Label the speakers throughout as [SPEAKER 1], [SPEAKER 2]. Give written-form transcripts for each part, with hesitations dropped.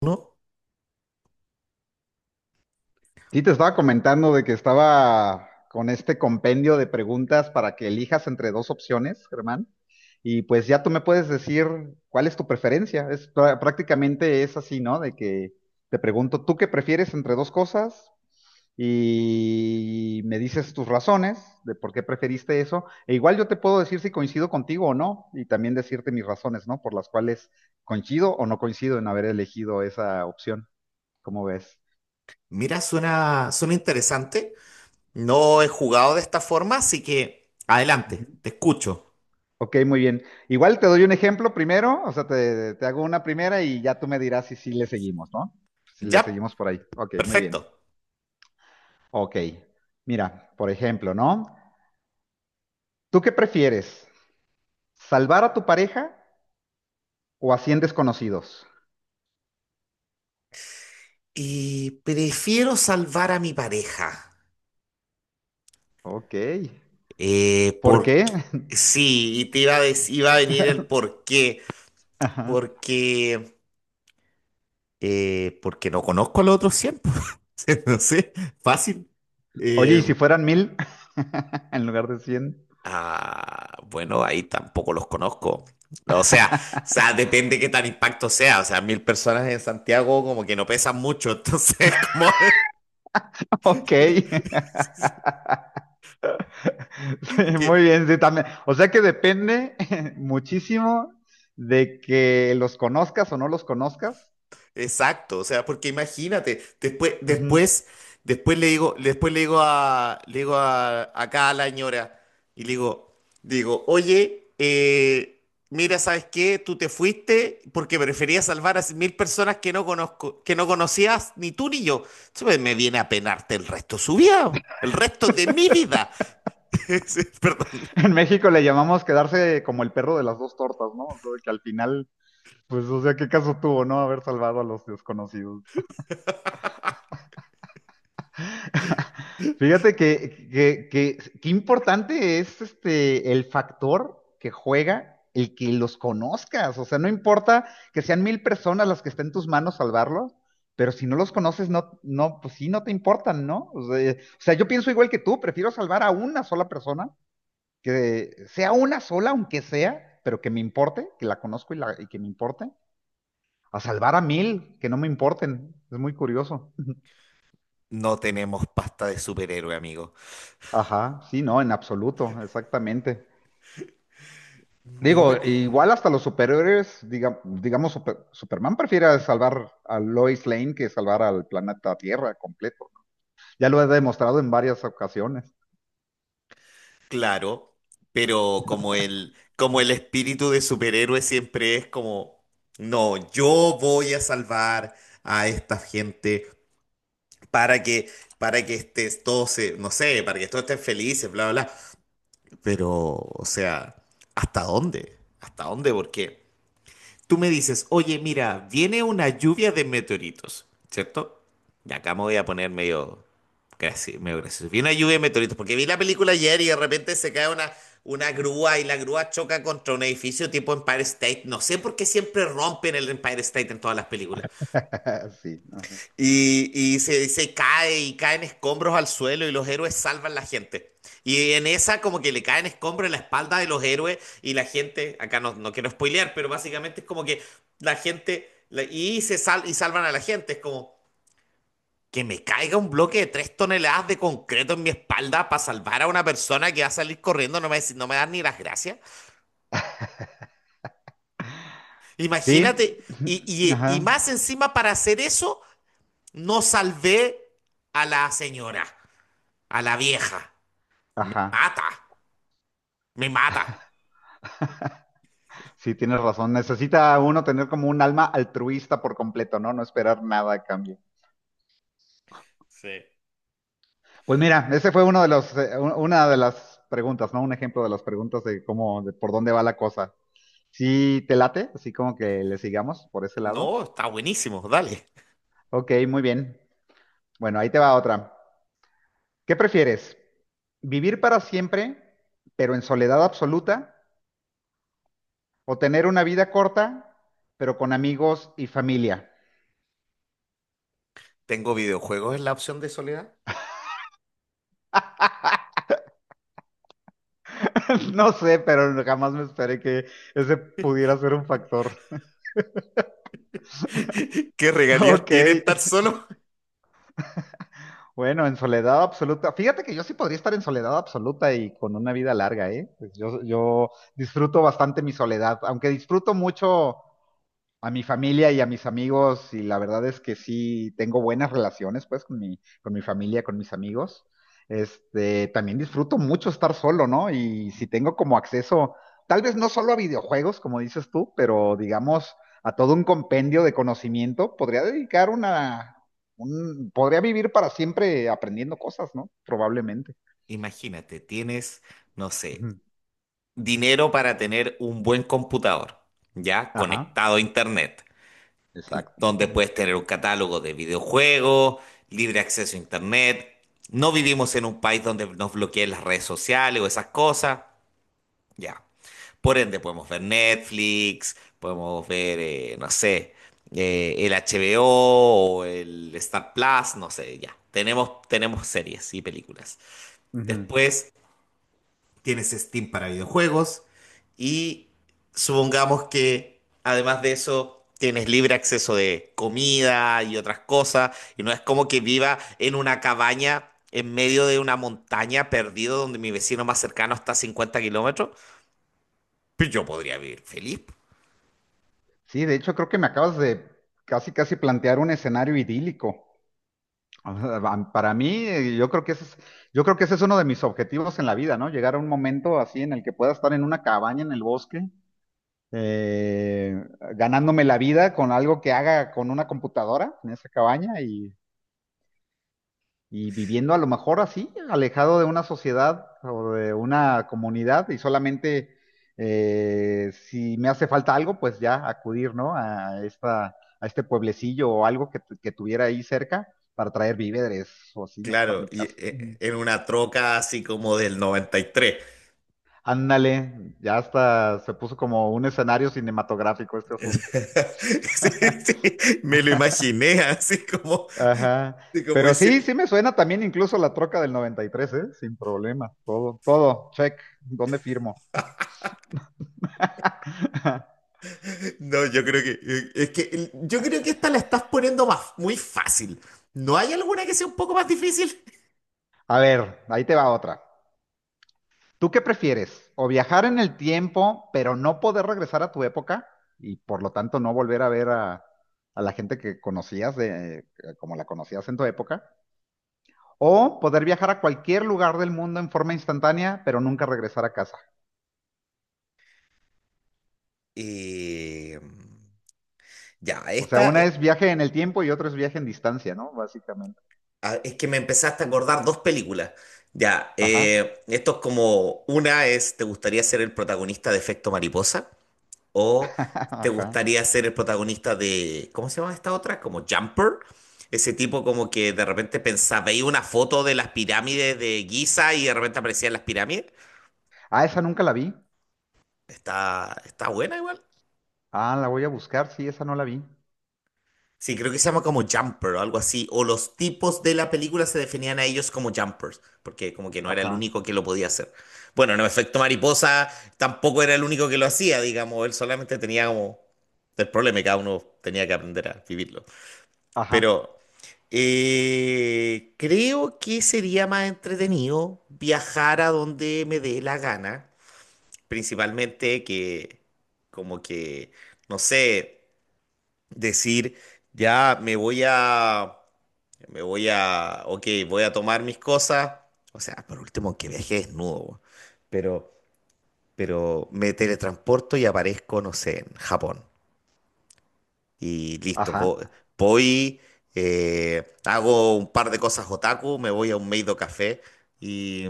[SPEAKER 1] No,
[SPEAKER 2] Sí, te estaba comentando de que estaba con este compendio de preguntas para que elijas entre dos opciones, Germán. Y pues ya tú me puedes decir cuál es tu preferencia. Prácticamente es así, ¿no? De que te pregunto, ¿tú qué prefieres entre dos cosas? Y me dices tus razones de por qué preferiste eso. E igual yo te puedo decir si coincido contigo o no, y también decirte mis razones, ¿no? Por las cuales coincido o no coincido en haber elegido esa opción. ¿Cómo ves?
[SPEAKER 1] mira, suena interesante. No he jugado de esta forma, así que adelante, te escucho.
[SPEAKER 2] Ok, muy bien. Igual te doy un ejemplo primero, o sea, te hago una primera y ya tú me dirás si sí le seguimos, ¿no? Si le
[SPEAKER 1] Ya,
[SPEAKER 2] seguimos por ahí. Ok, muy bien.
[SPEAKER 1] perfecto.
[SPEAKER 2] Ok. Mira, por ejemplo, ¿no? ¿Tú qué prefieres? ¿Salvar a tu pareja o a 100 desconocidos?
[SPEAKER 1] Y prefiero salvar a mi pareja.
[SPEAKER 2] Ok. ¿Por qué?
[SPEAKER 1] Porque sí, y te iba a dec- iba a venir el por qué.
[SPEAKER 2] Ajá.
[SPEAKER 1] Porque, porque no conozco a los otros 100. No sé, fácil.
[SPEAKER 2] Oye,
[SPEAKER 1] Eh,
[SPEAKER 2] ¿y si fueran 1000 en lugar de 100?
[SPEAKER 1] Ah, bueno, ahí tampoco los conozco. O sea, depende qué tan impacto sea. O sea, 1000 personas en Santiago como que no pesan mucho, entonces como
[SPEAKER 2] Ok. Sí, muy
[SPEAKER 1] que,
[SPEAKER 2] bien, sí, también. O sea que depende muchísimo de que los conozcas o no los conozcas.
[SPEAKER 1] Exacto, o sea, porque imagínate,
[SPEAKER 2] Ujú.
[SPEAKER 1] después le digo, acá a la señora y le digo, digo, oye, mira, ¿sabes qué? Tú te fuiste porque preferías salvar a 1000 personas que no conozco, que no conocías ni tú ni yo. Eso me viene a penarte el resto de su vida, el resto de mi vida. Perdón.
[SPEAKER 2] En México le llamamos quedarse como el perro de las dos tortas, ¿no? O sea, que al final, pues, o sea, ¿qué caso tuvo, no? Haber salvado a los desconocidos. Fíjate qué importante es este el factor que juega el que los conozcas. O sea, no importa que sean 1000 personas las que estén en tus manos salvarlos, pero si no los conoces, no, no, pues sí, no te importan, ¿no? O sea, yo pienso igual que tú, prefiero salvar a una sola persona que sea una sola, aunque sea, pero que me importe, que la conozco y, la, y que me importe, a salvar a 1000, que no me importen. Es muy curioso.
[SPEAKER 1] No tenemos pasta de superhéroe, amigo.
[SPEAKER 2] Ajá, sí, no, en absoluto, exactamente.
[SPEAKER 1] No,
[SPEAKER 2] Digo,
[SPEAKER 1] pero-
[SPEAKER 2] igual hasta los superhéroes, digamos, Superman prefiere salvar a Lois Lane que salvar al planeta Tierra completo. Ya lo he demostrado en varias ocasiones.
[SPEAKER 1] Claro, pero como el espíritu de superhéroe siempre es como, no, yo voy a salvar a esta gente para que, para que estés, todos se, no sé, para que todos estén felices, bla, bla, bla. Pero, o sea, ¿hasta dónde? ¿Hasta dónde? Porque tú me dices, oye, mira, viene una lluvia de meteoritos, ¿cierto? Y acá me voy a poner medio gracioso. Viene una lluvia de meteoritos, porque vi la película ayer y de repente una grúa y la grúa choca contra un edificio tipo Empire State. No sé por qué siempre rompen el Empire State en todas las películas.
[SPEAKER 2] Sí, ajá.
[SPEAKER 1] Y, se cae y caen escombros al suelo y los héroes salvan la gente. Y en esa como que le caen escombros en la espalda de los héroes y la gente, acá no quiero spoilear, pero básicamente es como que la gente, la- y se sal, y salvan a la gente, es como que me caiga un bloque de 3 toneladas de concreto en mi espalda para salvar a una persona que va a salir corriendo, no me dan ni las gracias.
[SPEAKER 2] Sí,
[SPEAKER 1] Imagínate, y más
[SPEAKER 2] ajá,
[SPEAKER 1] encima para hacer eso, no salvé a la señora, a la vieja. Me
[SPEAKER 2] ajá.
[SPEAKER 1] mata, me mata.
[SPEAKER 2] Sí, tienes razón. Necesita uno tener como un alma altruista por completo, ¿no? No esperar nada a cambio.
[SPEAKER 1] Sí.
[SPEAKER 2] Pues mira, ese fue uno de los, una de las preguntas, ¿no? Un ejemplo de las preguntas de cómo, de por dónde va la cosa. Sí, te late, así como que le sigamos por ese lado.
[SPEAKER 1] No, está buenísimo, dale.
[SPEAKER 2] Ok, muy bien. Bueno, ahí te va otra. ¿Qué prefieres? ¿Vivir para siempre, pero en soledad absoluta? ¿O tener una vida corta, pero con amigos y familia?
[SPEAKER 1] Tengo videojuegos en la opción de soledad.
[SPEAKER 2] No sé, pero jamás me esperé que ese pudiera ser un factor.
[SPEAKER 1] ¿Qué regalías
[SPEAKER 2] Ok,
[SPEAKER 1] tiene estar solo?
[SPEAKER 2] bueno, en soledad absoluta. Fíjate que yo sí podría estar en soledad absoluta y con una vida larga, ¿eh? Pues yo disfruto bastante mi soledad, aunque disfruto mucho a mi familia y a mis amigos, y la verdad es que sí tengo buenas relaciones, pues, con mi familia, con mis amigos. Este, también disfruto mucho estar solo, ¿no? Y si tengo como acceso, tal vez no solo a videojuegos, como dices tú, pero digamos a todo un compendio de conocimiento, podría dedicar podría vivir para siempre aprendiendo cosas, ¿no? Probablemente.
[SPEAKER 1] Imagínate, tienes, no sé,
[SPEAKER 2] Ujú.
[SPEAKER 1] dinero para tener un buen computador, ya
[SPEAKER 2] Ajá.
[SPEAKER 1] conectado a internet,
[SPEAKER 2] Exacto.
[SPEAKER 1] donde puedes tener un catálogo de videojuegos, libre acceso a internet. No vivimos en un país donde nos bloqueen las redes sociales o esas cosas. Ya. Por ende, podemos ver Netflix, podemos ver, no sé, el HBO o el Star Plus, no sé, ya. Tenemos series y películas.
[SPEAKER 2] Ujú.
[SPEAKER 1] Después tienes Steam para videojuegos y supongamos que además de eso tienes libre acceso de comida y otras cosas y no es como que viva en una cabaña en medio de una montaña perdido donde mi vecino más cercano está a 50 kilómetros. Pues yo podría vivir feliz.
[SPEAKER 2] Sí, de hecho creo que me acabas de casi, casi plantear un escenario idílico. O para mí, yo creo que ese es, yo creo que ese es uno de mis objetivos en la vida, ¿no? Llegar a un momento así en el que pueda estar en una cabaña en el bosque, eh, ganándome la vida con algo que haga con una computadora en esa cabaña y viviendo a lo mejor así, alejado de una sociedad o de una comunidad y solamente si me hace falta algo, pues ya acudir, ¿no? A esta, a este pueblecillo o algo que, que tuviera ahí cerca para traer víveres o así, ¿no? Para
[SPEAKER 1] Claro,
[SPEAKER 2] mi
[SPEAKER 1] y
[SPEAKER 2] casa. Ujú.
[SPEAKER 1] en una troca así como del 93.
[SPEAKER 2] Ándale, ya hasta se puso como un escenario cinematográfico este asunto.
[SPEAKER 1] Sí, sí, me lo imaginé
[SPEAKER 2] Ajá.
[SPEAKER 1] así como
[SPEAKER 2] Pero sí,
[SPEAKER 1] diciendo,
[SPEAKER 2] sí me suena también incluso la troca del 93, ¿eh? Sin problema. Todo, todo, check. ¿Dónde firmo?
[SPEAKER 1] no, yo creo que yo creo que esta la estás poniendo más, muy fácil. ¿No hay alguna que sea un poco más difícil?
[SPEAKER 2] A ver, ahí te va otra. ¿Tú qué prefieres? ¿O viajar en el tiempo, pero no poder regresar a tu época y por lo tanto no volver a ver a la gente que conocías de, como la conocías en tu época? ¿O poder viajar a cualquier lugar del mundo en forma instantánea, pero nunca regresar a casa?
[SPEAKER 1] Eh, ya,
[SPEAKER 2] O sea,
[SPEAKER 1] esta
[SPEAKER 2] una es viaje en el tiempo y otra es viaje en distancia, ¿no? Básicamente.
[SPEAKER 1] ah, es que me empezaste a acordar dos películas. Ya,
[SPEAKER 2] Ajá.
[SPEAKER 1] esto es como, una es, ¿te gustaría ser el protagonista de Efecto Mariposa? ¿O te
[SPEAKER 2] Ajá.
[SPEAKER 1] gustaría ser el protagonista de, cómo se llama esta otra? Como Jumper. Ese tipo como que de repente pensaba, veía una foto de las pirámides de Giza y de repente aparecían las pirámides.
[SPEAKER 2] Ah, esa nunca la vi.
[SPEAKER 1] Está buena igual.
[SPEAKER 2] Ah, la voy a buscar. Sí, esa no la vi.
[SPEAKER 1] Sí, creo que se llama como Jumper o algo así. O los tipos de la película se definían a ellos como Jumpers, porque como que no era el
[SPEAKER 2] Ajá.
[SPEAKER 1] único que lo podía hacer. Bueno, no, Efecto Mariposa tampoco era el único que lo hacía, digamos. Él solamente tenía como el problema que cada uno tenía que aprender a vivirlo.
[SPEAKER 2] Ajá.
[SPEAKER 1] Pero creo que sería más entretenido viajar a donde me dé la gana, principalmente que como que, no sé, decir, ya me voy a, ok, voy a tomar mis cosas, o sea, por último que viaje desnudo, bo, pero, pero me teletransporto y aparezco, no sé, en Japón. Y listo,
[SPEAKER 2] Ajá.
[SPEAKER 1] voy, hago un par de cosas otaku, me voy a un Meido Café y,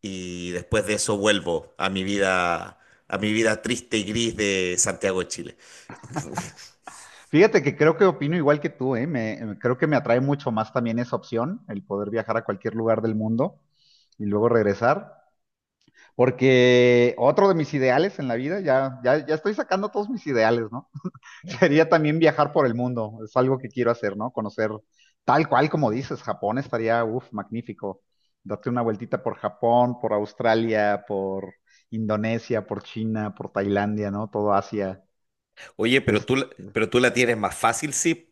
[SPEAKER 1] y después de eso vuelvo a mi vida triste y gris de Santiago de Chile.
[SPEAKER 2] Fíjate que creo que opino igual que tú, ¿eh? Me, creo que me atrae mucho más también esa opción, el poder viajar a cualquier lugar del mundo y luego regresar, porque otro de mis ideales en la vida, ya, ya, ya estoy sacando todos mis ideales, ¿no? Sería también viajar por el mundo, es algo que quiero hacer, ¿no? Conocer tal cual como dices, Japón estaría, uff, magnífico. Date una vueltita por Japón, por Australia, por Indonesia, por China, por Tailandia, ¿no? Todo Asia.
[SPEAKER 1] Oye,
[SPEAKER 2] Es,
[SPEAKER 1] pero tú la tienes más fácil, sí.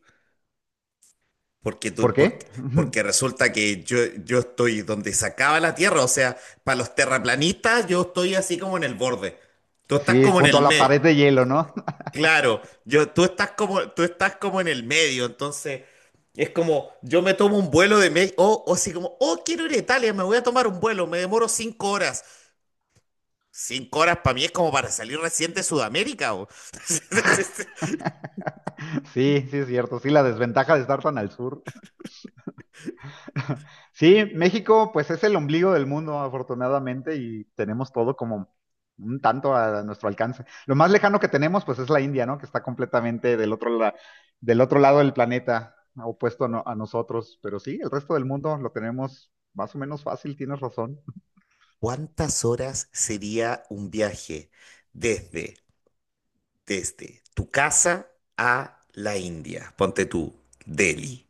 [SPEAKER 1] Porque,
[SPEAKER 2] ¿Por
[SPEAKER 1] tú, porque,
[SPEAKER 2] qué?
[SPEAKER 1] porque resulta que yo estoy donde se acaba la Tierra, o sea, para los terraplanistas yo estoy así como en el borde. Tú estás
[SPEAKER 2] Sí,
[SPEAKER 1] como en
[SPEAKER 2] junto
[SPEAKER 1] el
[SPEAKER 2] a la
[SPEAKER 1] medio.
[SPEAKER 2] pared de hielo, ¿no?
[SPEAKER 1] Claro, yo, tú estás como en el medio, entonces es como, yo me tomo un vuelo de México, o así como, oh, quiero ir a Italia, me voy a tomar un vuelo, me demoro 5 horas. Cinco horas para mí es como para salir recién de Sudamérica, ¿o?
[SPEAKER 2] Sí, sí es cierto, sí, la desventaja de estar tan al sur. Sí, México pues es el ombligo del mundo, afortunadamente, y tenemos todo como un tanto a nuestro alcance. Lo más lejano que tenemos pues es la India, ¿no? Que está completamente del otro, del otro lado del planeta, opuesto a, a nosotros, pero sí, el resto del mundo lo tenemos más o menos fácil, tienes razón.
[SPEAKER 1] ¿Cuántas horas sería un viaje desde, desde tu casa a la India? Ponte tú, Delhi.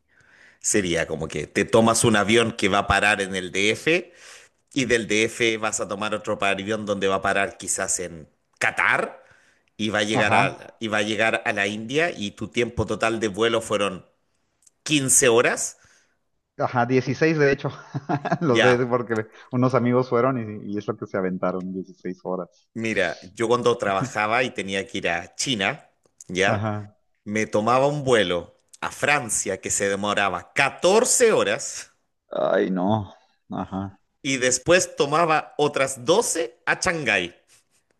[SPEAKER 1] Sería como que te tomas un avión que va a parar en el DF y del DF vas a tomar otro avión donde va a parar quizás en Qatar
[SPEAKER 2] Ajá.
[SPEAKER 1] y va a llegar a la India y tu tiempo total de vuelo fueron 15 horas.
[SPEAKER 2] Ajá, 16 de hecho. Lo sé
[SPEAKER 1] Ya,
[SPEAKER 2] porque unos amigos fueron y es lo que se aventaron, 16 horas.
[SPEAKER 1] mira, yo cuando trabajaba y tenía que ir a China, ya,
[SPEAKER 2] Ajá.
[SPEAKER 1] me tomaba un vuelo a Francia que se demoraba 14 horas
[SPEAKER 2] Ay, no. Ajá.
[SPEAKER 1] y después tomaba otras 12 a Shanghái.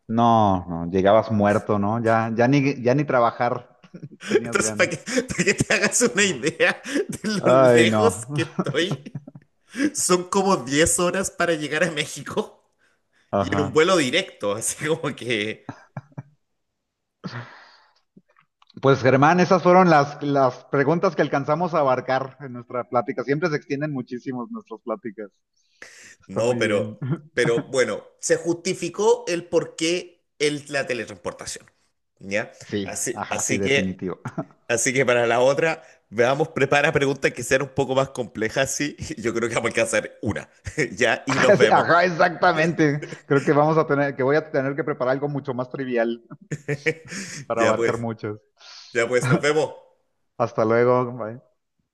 [SPEAKER 2] No, no, llegabas muerto, ¿no? Ya, ya ni trabajar tenías
[SPEAKER 1] Entonces,
[SPEAKER 2] ganas.
[SPEAKER 1] para que te hagas una
[SPEAKER 2] Ajá.
[SPEAKER 1] idea de lo
[SPEAKER 2] Ay,
[SPEAKER 1] lejos
[SPEAKER 2] no.
[SPEAKER 1] que estoy. Son como 10 horas para llegar a México y en un
[SPEAKER 2] Ajá.
[SPEAKER 1] vuelo directo, así como que...
[SPEAKER 2] Pues Germán, esas fueron las preguntas que alcanzamos a abarcar en nuestra plática. Siempre se extienden muchísimo nuestras pláticas. Está
[SPEAKER 1] No,
[SPEAKER 2] muy bien.
[SPEAKER 1] pero, pero bueno, se justificó el por qué la teletransportación, ¿ya?
[SPEAKER 2] Sí,
[SPEAKER 1] Así,
[SPEAKER 2] ajá, sí,
[SPEAKER 1] así que,
[SPEAKER 2] definitivo.
[SPEAKER 1] así que para la otra, veamos, prepara preguntas que sean un poco más complejas, sí. Yo creo que vamos a alcanzar una, ¿ya? Y nos vemos.
[SPEAKER 2] Ajá, exactamente. Creo que vamos a tener, que voy a tener que preparar algo mucho más trivial para
[SPEAKER 1] Ya
[SPEAKER 2] abarcar
[SPEAKER 1] pues,
[SPEAKER 2] muchos.
[SPEAKER 1] ya pues, nos vemos.
[SPEAKER 2] Hasta luego. Bye.